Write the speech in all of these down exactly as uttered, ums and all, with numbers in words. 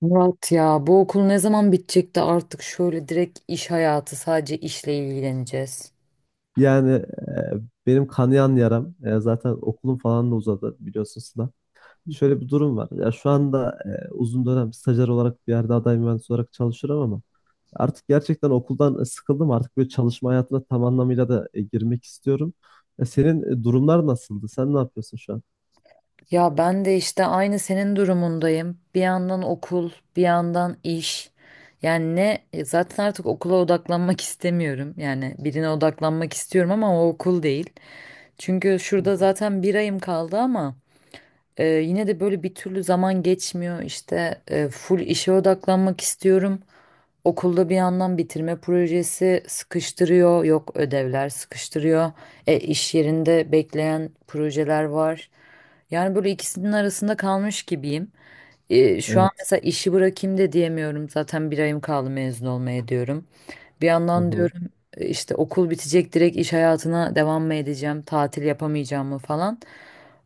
Murat, ya bu okul ne zaman bitecek de artık şöyle direkt iş hayatı, sadece işle ilgileneceğiz. Yani e, benim kanayan yaram e, zaten okulum falan da uzadı biliyorsunuz da. Şöyle bir durum var. Ya şu anda e, uzun dönem stajyer olarak bir yerde aday mühendis olarak çalışıyorum ama artık gerçekten okuldan e, sıkıldım. Artık böyle çalışma hayatına tam anlamıyla da e, girmek istiyorum. E, senin e, durumlar nasıldı? Sen ne yapıyorsun şu an? Ya ben de işte aynı senin durumundayım. Bir yandan okul, bir yandan iş. Yani ne e, zaten artık okula odaklanmak istemiyorum. Yani birine odaklanmak istiyorum ama o okul değil. Çünkü Hı. şurada zaten bir ayım kaldı ama e, yine de böyle bir türlü zaman geçmiyor. İşte e, full işe odaklanmak istiyorum. Okulda bir yandan bitirme projesi sıkıştırıyor, yok ödevler sıkıştırıyor. E, iş yerinde bekleyen projeler var. Yani böyle ikisinin arasında kalmış gibiyim. E, şu an Evet. mesela işi bırakayım da diyemiyorum. Zaten bir ayım kaldı mezun olmaya diyorum. Bir Hı yandan hı. diyorum e, işte okul bitecek, direkt iş hayatına devam mı edeceğim, tatil yapamayacağım mı falan.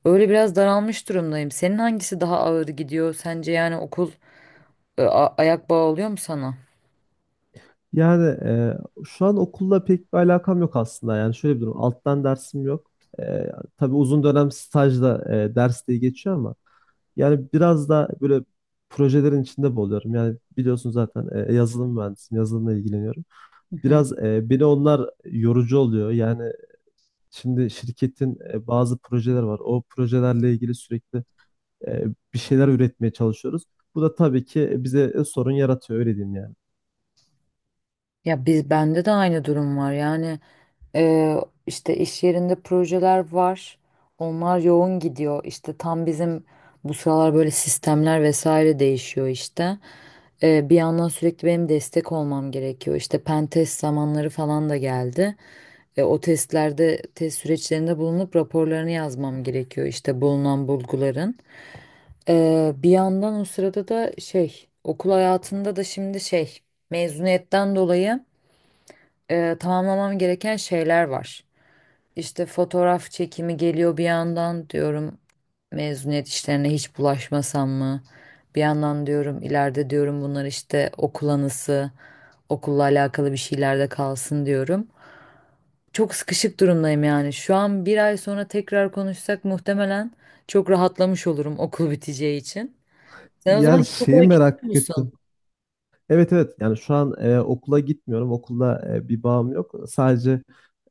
Öyle biraz daralmış durumdayım. Senin hangisi daha ağır gidiyor sence, yani okul e, a- ayak bağı oluyor mu sana? Yani e, şu an okulla pek bir alakam yok aslında. Yani şöyle bir durum. Alttan dersim yok. E, tabii uzun dönem stajda e, ders diye geçiyor ama yani biraz da böyle projelerin içinde buluyorum. Yani biliyorsun zaten e, e, yazılım mühendisiyim, yazılımla ilgileniyorum. Hı hı. Biraz e, beni onlar yorucu oluyor. Yani şimdi şirketin e, bazı projeler var. O projelerle ilgili sürekli e, bir şeyler üretmeye çalışıyoruz. Bu da tabii ki bize e, sorun yaratıyor, öyle diyeyim yani. Ya biz bende de aynı durum var. Yani eee, işte iş yerinde projeler var. Onlar yoğun gidiyor. İşte tam bizim bu sıralar böyle sistemler vesaire değişiyor işte. Eee, bir yandan sürekli benim destek olmam gerekiyor. İşte pen test zamanları falan da geldi. E, o testlerde, test süreçlerinde bulunup raporlarını yazmam gerekiyor, işte bulunan bulguların. E, bir yandan o sırada da şey, okul hayatında da şimdi şey, mezuniyetten dolayı e, tamamlamam gereken şeyler var. İşte fotoğraf çekimi geliyor, bir yandan diyorum mezuniyet işlerine hiç bulaşmasam mı? Bir yandan diyorum ileride diyorum bunlar işte okul anısı, okulla alakalı bir şeyler de kalsın diyorum. Çok sıkışık durumdayım yani. Şu an bir ay sonra tekrar konuşsak muhtemelen çok rahatlamış olurum okul biteceği için. Sen o zaman Yani hiç şeyi okula gitmiyor merak ettim. musun? Evet, evet, yani şu an e, okula gitmiyorum. Okulda e, bir bağım yok. Sadece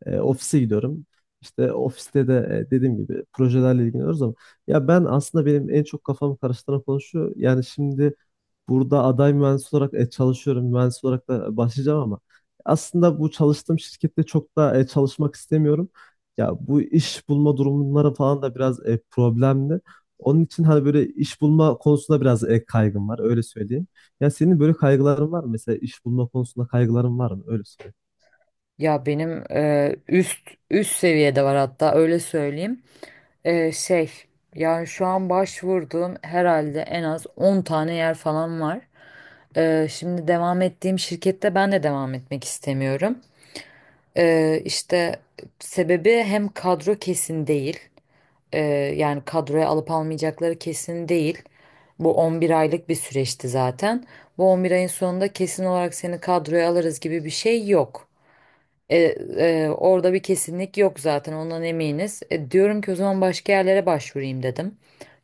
E, ofise gidiyorum. İşte ofiste de e, dediğim gibi projelerle ilgileniyoruz ama ya ben aslında benim en çok kafamı karıştıran konu şu. Yani şimdi burada aday mühendis olarak e, çalışıyorum. Mühendis olarak da başlayacağım ama aslında bu çalıştığım şirkette çok da e, çalışmak istemiyorum. Ya bu iş bulma durumları falan da biraz e, problemli. Onun için hani böyle iş bulma konusunda biraz e, kaygım var, öyle söyleyeyim. Ya senin böyle kaygıların var mı? Mesela iş bulma konusunda kaygıların var mı? Öyle Ya benim e, üst üst seviyede var, hatta öyle söyleyeyim. Ee, şey, yani şu an başvurduğum herhalde en az on tane yer falan var. Ee, şimdi devam ettiğim şirkette ben de devam etmek istemiyorum. Ee, işte sebebi, hem kadro kesin değil. Ee, yani kadroya alıp almayacakları kesin değil. Bu on bir aylık bir süreçti zaten. Bu on bir ayın sonunda kesin olarak seni kadroya alırız gibi bir şey yok. E, e, orada bir kesinlik yok zaten, ondan eminiz. E, diyorum ki o zaman başka yerlere başvurayım dedim.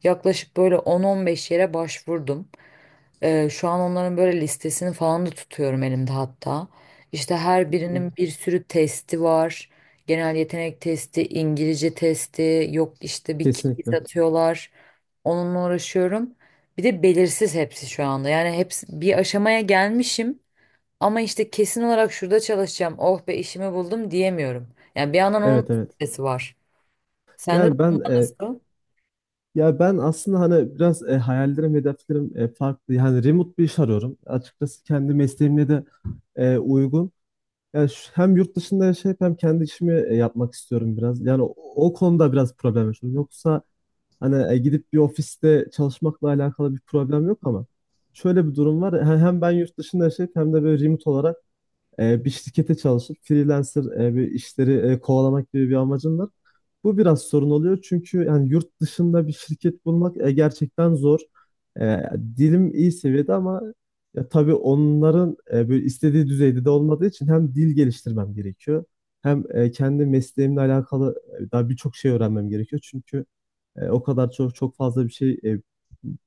Yaklaşık böyle on on beş yere başvurdum. E, şu an onların böyle listesini falan da tutuyorum elimde hatta. İşte her birinin söyleyeyim. bir sürü testi var. Genel yetenek testi, İngilizce testi, yok işte bir quiz Kesinlikle. atıyorlar. Onunla uğraşıyorum. Bir de belirsiz hepsi şu anda. Yani hepsi bir aşamaya gelmişim. Ama işte kesin olarak şurada çalışacağım, oh be işimi buldum diyemiyorum. Yani bir yandan onun Evet, evet. stresi var. Sende de Yani ben e, nasıl? ya ben aslında hani biraz e, hayallerim, hedeflerim e, farklı. Yani remote bir iş arıyorum. Açıkçası kendi mesleğimle de e, uygun. Yani şu- hem yurt dışında yaşayıp hem kendi işimi e, yapmak istiyorum biraz. Yani o, o konuda biraz problem yaşıyorum. Yoksa hani e, gidip bir ofiste çalışmakla alakalı bir problem yok ama şöyle bir durum var. He- Hem ben yurt dışında yaşayıp hem de böyle remote olarak e, bir şirkete çalışıp freelancer e, bir işleri e, kovalamak gibi bir amacım var. Bu biraz sorun oluyor çünkü yani yurt dışında bir şirket bulmak e, gerçekten zor. E, dilim iyi seviyede ama ya tabii onların e, böyle istediği düzeyde de olmadığı için hem dil geliştirmem gerekiyor hem e, kendi mesleğimle alakalı e, daha birçok şey öğrenmem gerekiyor. Çünkü e, o kadar çok çok fazla bir şey e,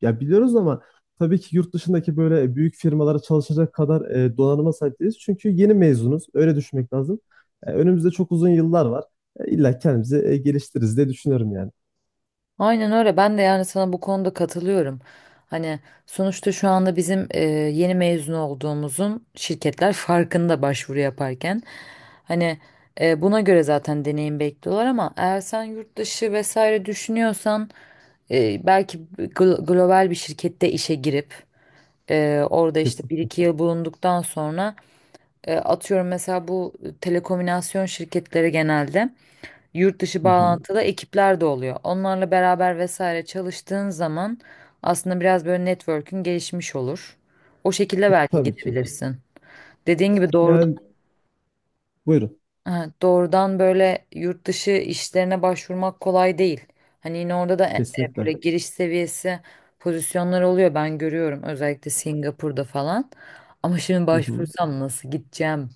ya biliyoruz ama tabii ki yurt dışındaki böyle büyük firmalara çalışacak kadar e, donanıma sahip değiliz. Çünkü yeni mezunuz. Öyle düşünmek lazım. E, önümüzde çok uzun yıllar var. E, illa kendimizi e, geliştiririz diye düşünüyorum yani. Aynen öyle. Ben de yani sana bu konuda katılıyorum. Hani sonuçta şu anda bizim e, yeni mezun olduğumuzun şirketler farkında başvuru yaparken. Hani e, buna göre zaten deneyim bekliyorlar ama eğer sen yurt dışı vesaire düşünüyorsan e, belki gl- global bir şirkette işe girip e, orada işte Kesin. bir iki yıl bulunduktan sonra. E, Atıyorum mesela, bu telekomünikasyon şirketleri genelde yurt dışı Hı hı. bağlantılı ekipler de oluyor. Onlarla beraber vesaire çalıştığın zaman aslında biraz böyle network'ün gelişmiş olur. O şekilde E, belki tabii ki. gidebilirsin. Dediğin gibi doğru. Yani buyurun. Ha, doğrudan böyle yurt dışı işlerine başvurmak kolay değil. Hani yine orada da e- e, Kesinlikle. böyle giriş seviyesi pozisyonlar oluyor, ben görüyorum özellikle Singapur'da falan. Ama şimdi Hı hı. başvursam nasıl gideceğim?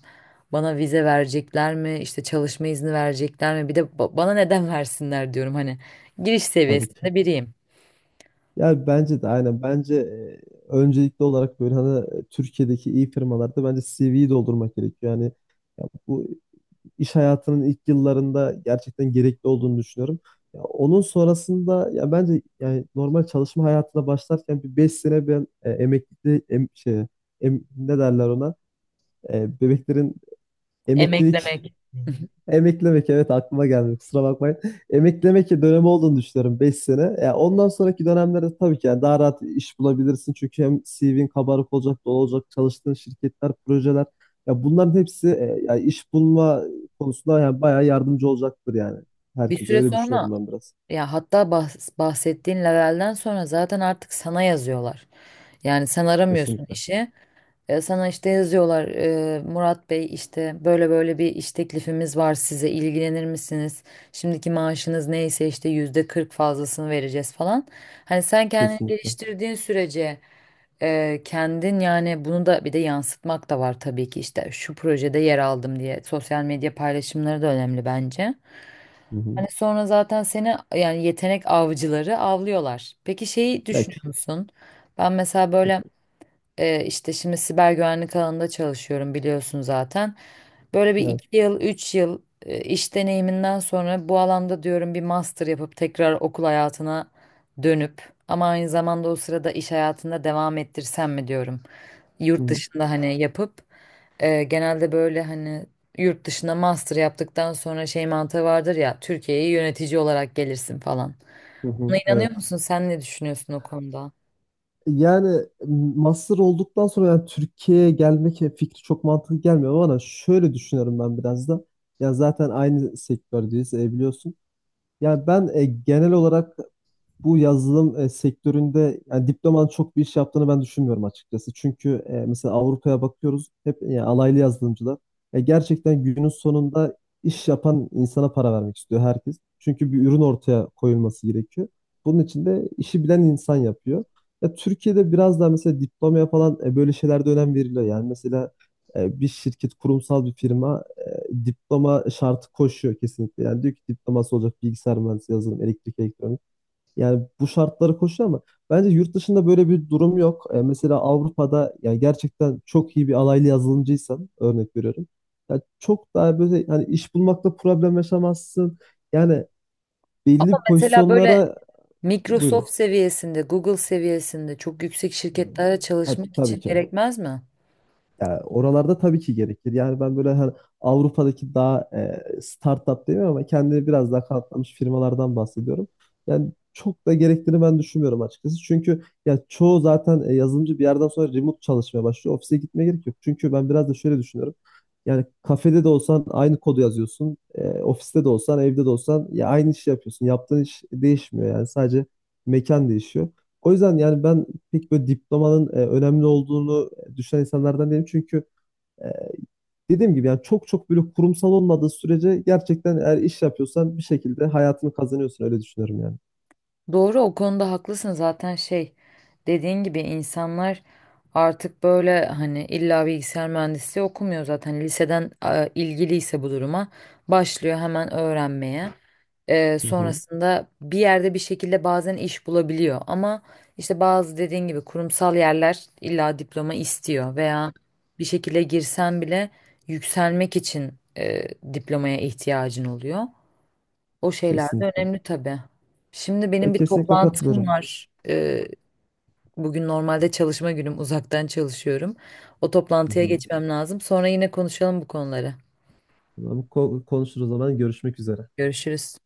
Bana vize verecekler mi? İşte çalışma izni verecekler mi? Bir de ba- bana neden versinler diyorum hani. Giriş Tabii ki. seviyesinde biriyim. Yani bence de aynen. Bence e, öncelikli olarak böyle hani e, Türkiye'deki iyi firmalarda bence C V'yi doldurmak gerekiyor. Yani ya bu iş hayatının ilk yıllarında gerçekten gerekli olduğunu düşünüyorum. Ya onun sonrasında ya bence yani normal çalışma hayatına başlarken bir beş sene ben e, emeklilikte em, şey, em- ne derler ona, E, bebeklerin, emeklilik, Emeklemek. hı hı, emeklemek, evet, aklıma geldi, kusura bakmayın. Emeklemek dönemi olduğunu düşünüyorum beş sene. Ya ondan sonraki dönemlerde tabii ki yani daha rahat iş bulabilirsin. Çünkü hem C V'nin kabarık olacak, dolu olacak, çalıştığın şirketler, projeler. Ya bunların hepsi e, ya iş bulma konusunda yani bayağı yardımcı olacaktır yani. Bir Herkese süre öyle sonra, düşünüyorum ben biraz. ya hatta bahs- bahsettiğin levelden sonra zaten artık sana yazıyorlar. Yani sen aramıyorsun Kesinlikle. işi. E, Sana işte yazıyorlar, e, Murat Bey işte böyle böyle bir iş teklifimiz var, size ilgilenir misiniz? Şimdiki maaşınız neyse işte yüzde kırk fazlasını vereceğiz falan. Hani sen kendini Kesinlikle. geliştirdiğin sürece e, kendin, yani bunu da bir de yansıtmak da var tabii ki, işte şu projede yer aldım diye sosyal medya paylaşımları da önemli bence. Hı hı. Hani sonra zaten seni yani yetenek avcıları avlıyorlar. Peki şeyi Ya ki- düşünüyor musun? Ben mesela böyle ee, işte şimdi siber güvenlik alanında çalışıyorum, biliyorsun zaten. Böyle bir Evet. iki yıl, üç yıl e, iş deneyiminden sonra bu alanda diyorum bir master yapıp tekrar okul hayatına dönüp ama aynı zamanda o sırada iş hayatında devam ettirsem mi diyorum. Hı Yurt hı. dışında hani yapıp e, genelde böyle hani yurt dışında master yaptıktan sonra şey mantığı vardır ya, Türkiye'ye yönetici olarak gelirsin falan. Hı hı. Buna inanıyor Evet. musun? Sen ne düşünüyorsun o konuda? Yani master olduktan sonra yani Türkiye'ye gelmek fikri çok mantıklı gelmiyor ama bana, şöyle düşünüyorum ben biraz da. Ya zaten aynı sektördeyiz, e, biliyorsun. Yani ben e, genel olarak bu yazılım e, sektöründe yani diplomanın çok bir iş yaptığını ben düşünmüyorum açıkçası. Çünkü e, mesela Avrupa'ya bakıyoruz hep e, alaylı yazılımcılar. E, gerçekten günün sonunda iş yapan insana para vermek istiyor herkes. Çünkü bir ürün ortaya koyulması gerekiyor. Bunun için de işi bilen insan yapıyor. Ya, Türkiye'de biraz daha mesela diplomaya falan e, böyle şeylerde önem veriliyor. Yani mesela e, bir şirket, kurumsal bir firma e, diploma şartı koşuyor kesinlikle. Yani diyor ki diploması olacak bilgisayar mühendisi, yazılım, elektrik, elektronik. Yani bu şartları koşuyor ama bence yurt dışında böyle bir durum yok. E, mesela Avrupa'da ya gerçekten çok iyi bir alaylı yazılımcıysan, örnek veriyorum. Ya çok daha böyle hani iş bulmakta problem yaşamazsın. Yani belli Mesela böyle pozisyonlara buyurun. Microsoft seviyesinde, Google seviyesinde çok yüksek E, şirketlerde Ha, çalışmak tabii için ki. gerekmez mi? Yani oralarda tabii ki gerekir. Yani ben böyle hani Avrupa'daki daha e, startup demiyorum ama kendini biraz daha kanıtlamış firmalardan bahsediyorum. Yani çok da gerektiğini ben düşünmüyorum açıkçası. Çünkü ya çoğu zaten e, yazılımcı bir yerden sonra remote çalışmaya başlıyor. Ofise gitmeye gerek yok. Çünkü ben biraz da şöyle düşünüyorum. Yani kafede de olsan aynı kodu yazıyorsun. E, ofiste de olsan, evde de olsan ya aynı işi yapıyorsun. Yaptığın iş değişmiyor yani, sadece mekan değişiyor. O yüzden yani ben pek böyle diplomanın e, önemli olduğunu e, düşünen insanlardan değilim. Çünkü e, dediğim gibi yani çok çok böyle kurumsal olmadığı sürece gerçekten eğer iş yapıyorsan bir şekilde hayatını kazanıyorsun, öyle düşünüyorum yani. Doğru, o konuda haklısın zaten. Şey, dediğin gibi insanlar artık böyle hani illa bilgisayar mühendisliği okumuyor, zaten liseden e, ilgiliyse bu duruma başlıyor hemen öğrenmeye. Ee, Hı hı. sonrasında bir yerde bir şekilde bazen iş bulabiliyor ama işte bazı, dediğin gibi, kurumsal yerler illa diploma istiyor veya bir şekilde girsen bile yükselmek için e, diplomaya ihtiyacın oluyor. O şeyler de Kesinlikle. önemli tabii. Şimdi benim Ya bir kesinlikle toplantım katılıyorum. var. Ee, bugün normalde çalışma günüm, uzaktan çalışıyorum. O Hı toplantıya hı. geçmem lazım. Sonra yine konuşalım bu konuları. Tamam, ko- konuşuruz o zaman, görüşmek üzere. Görüşürüz.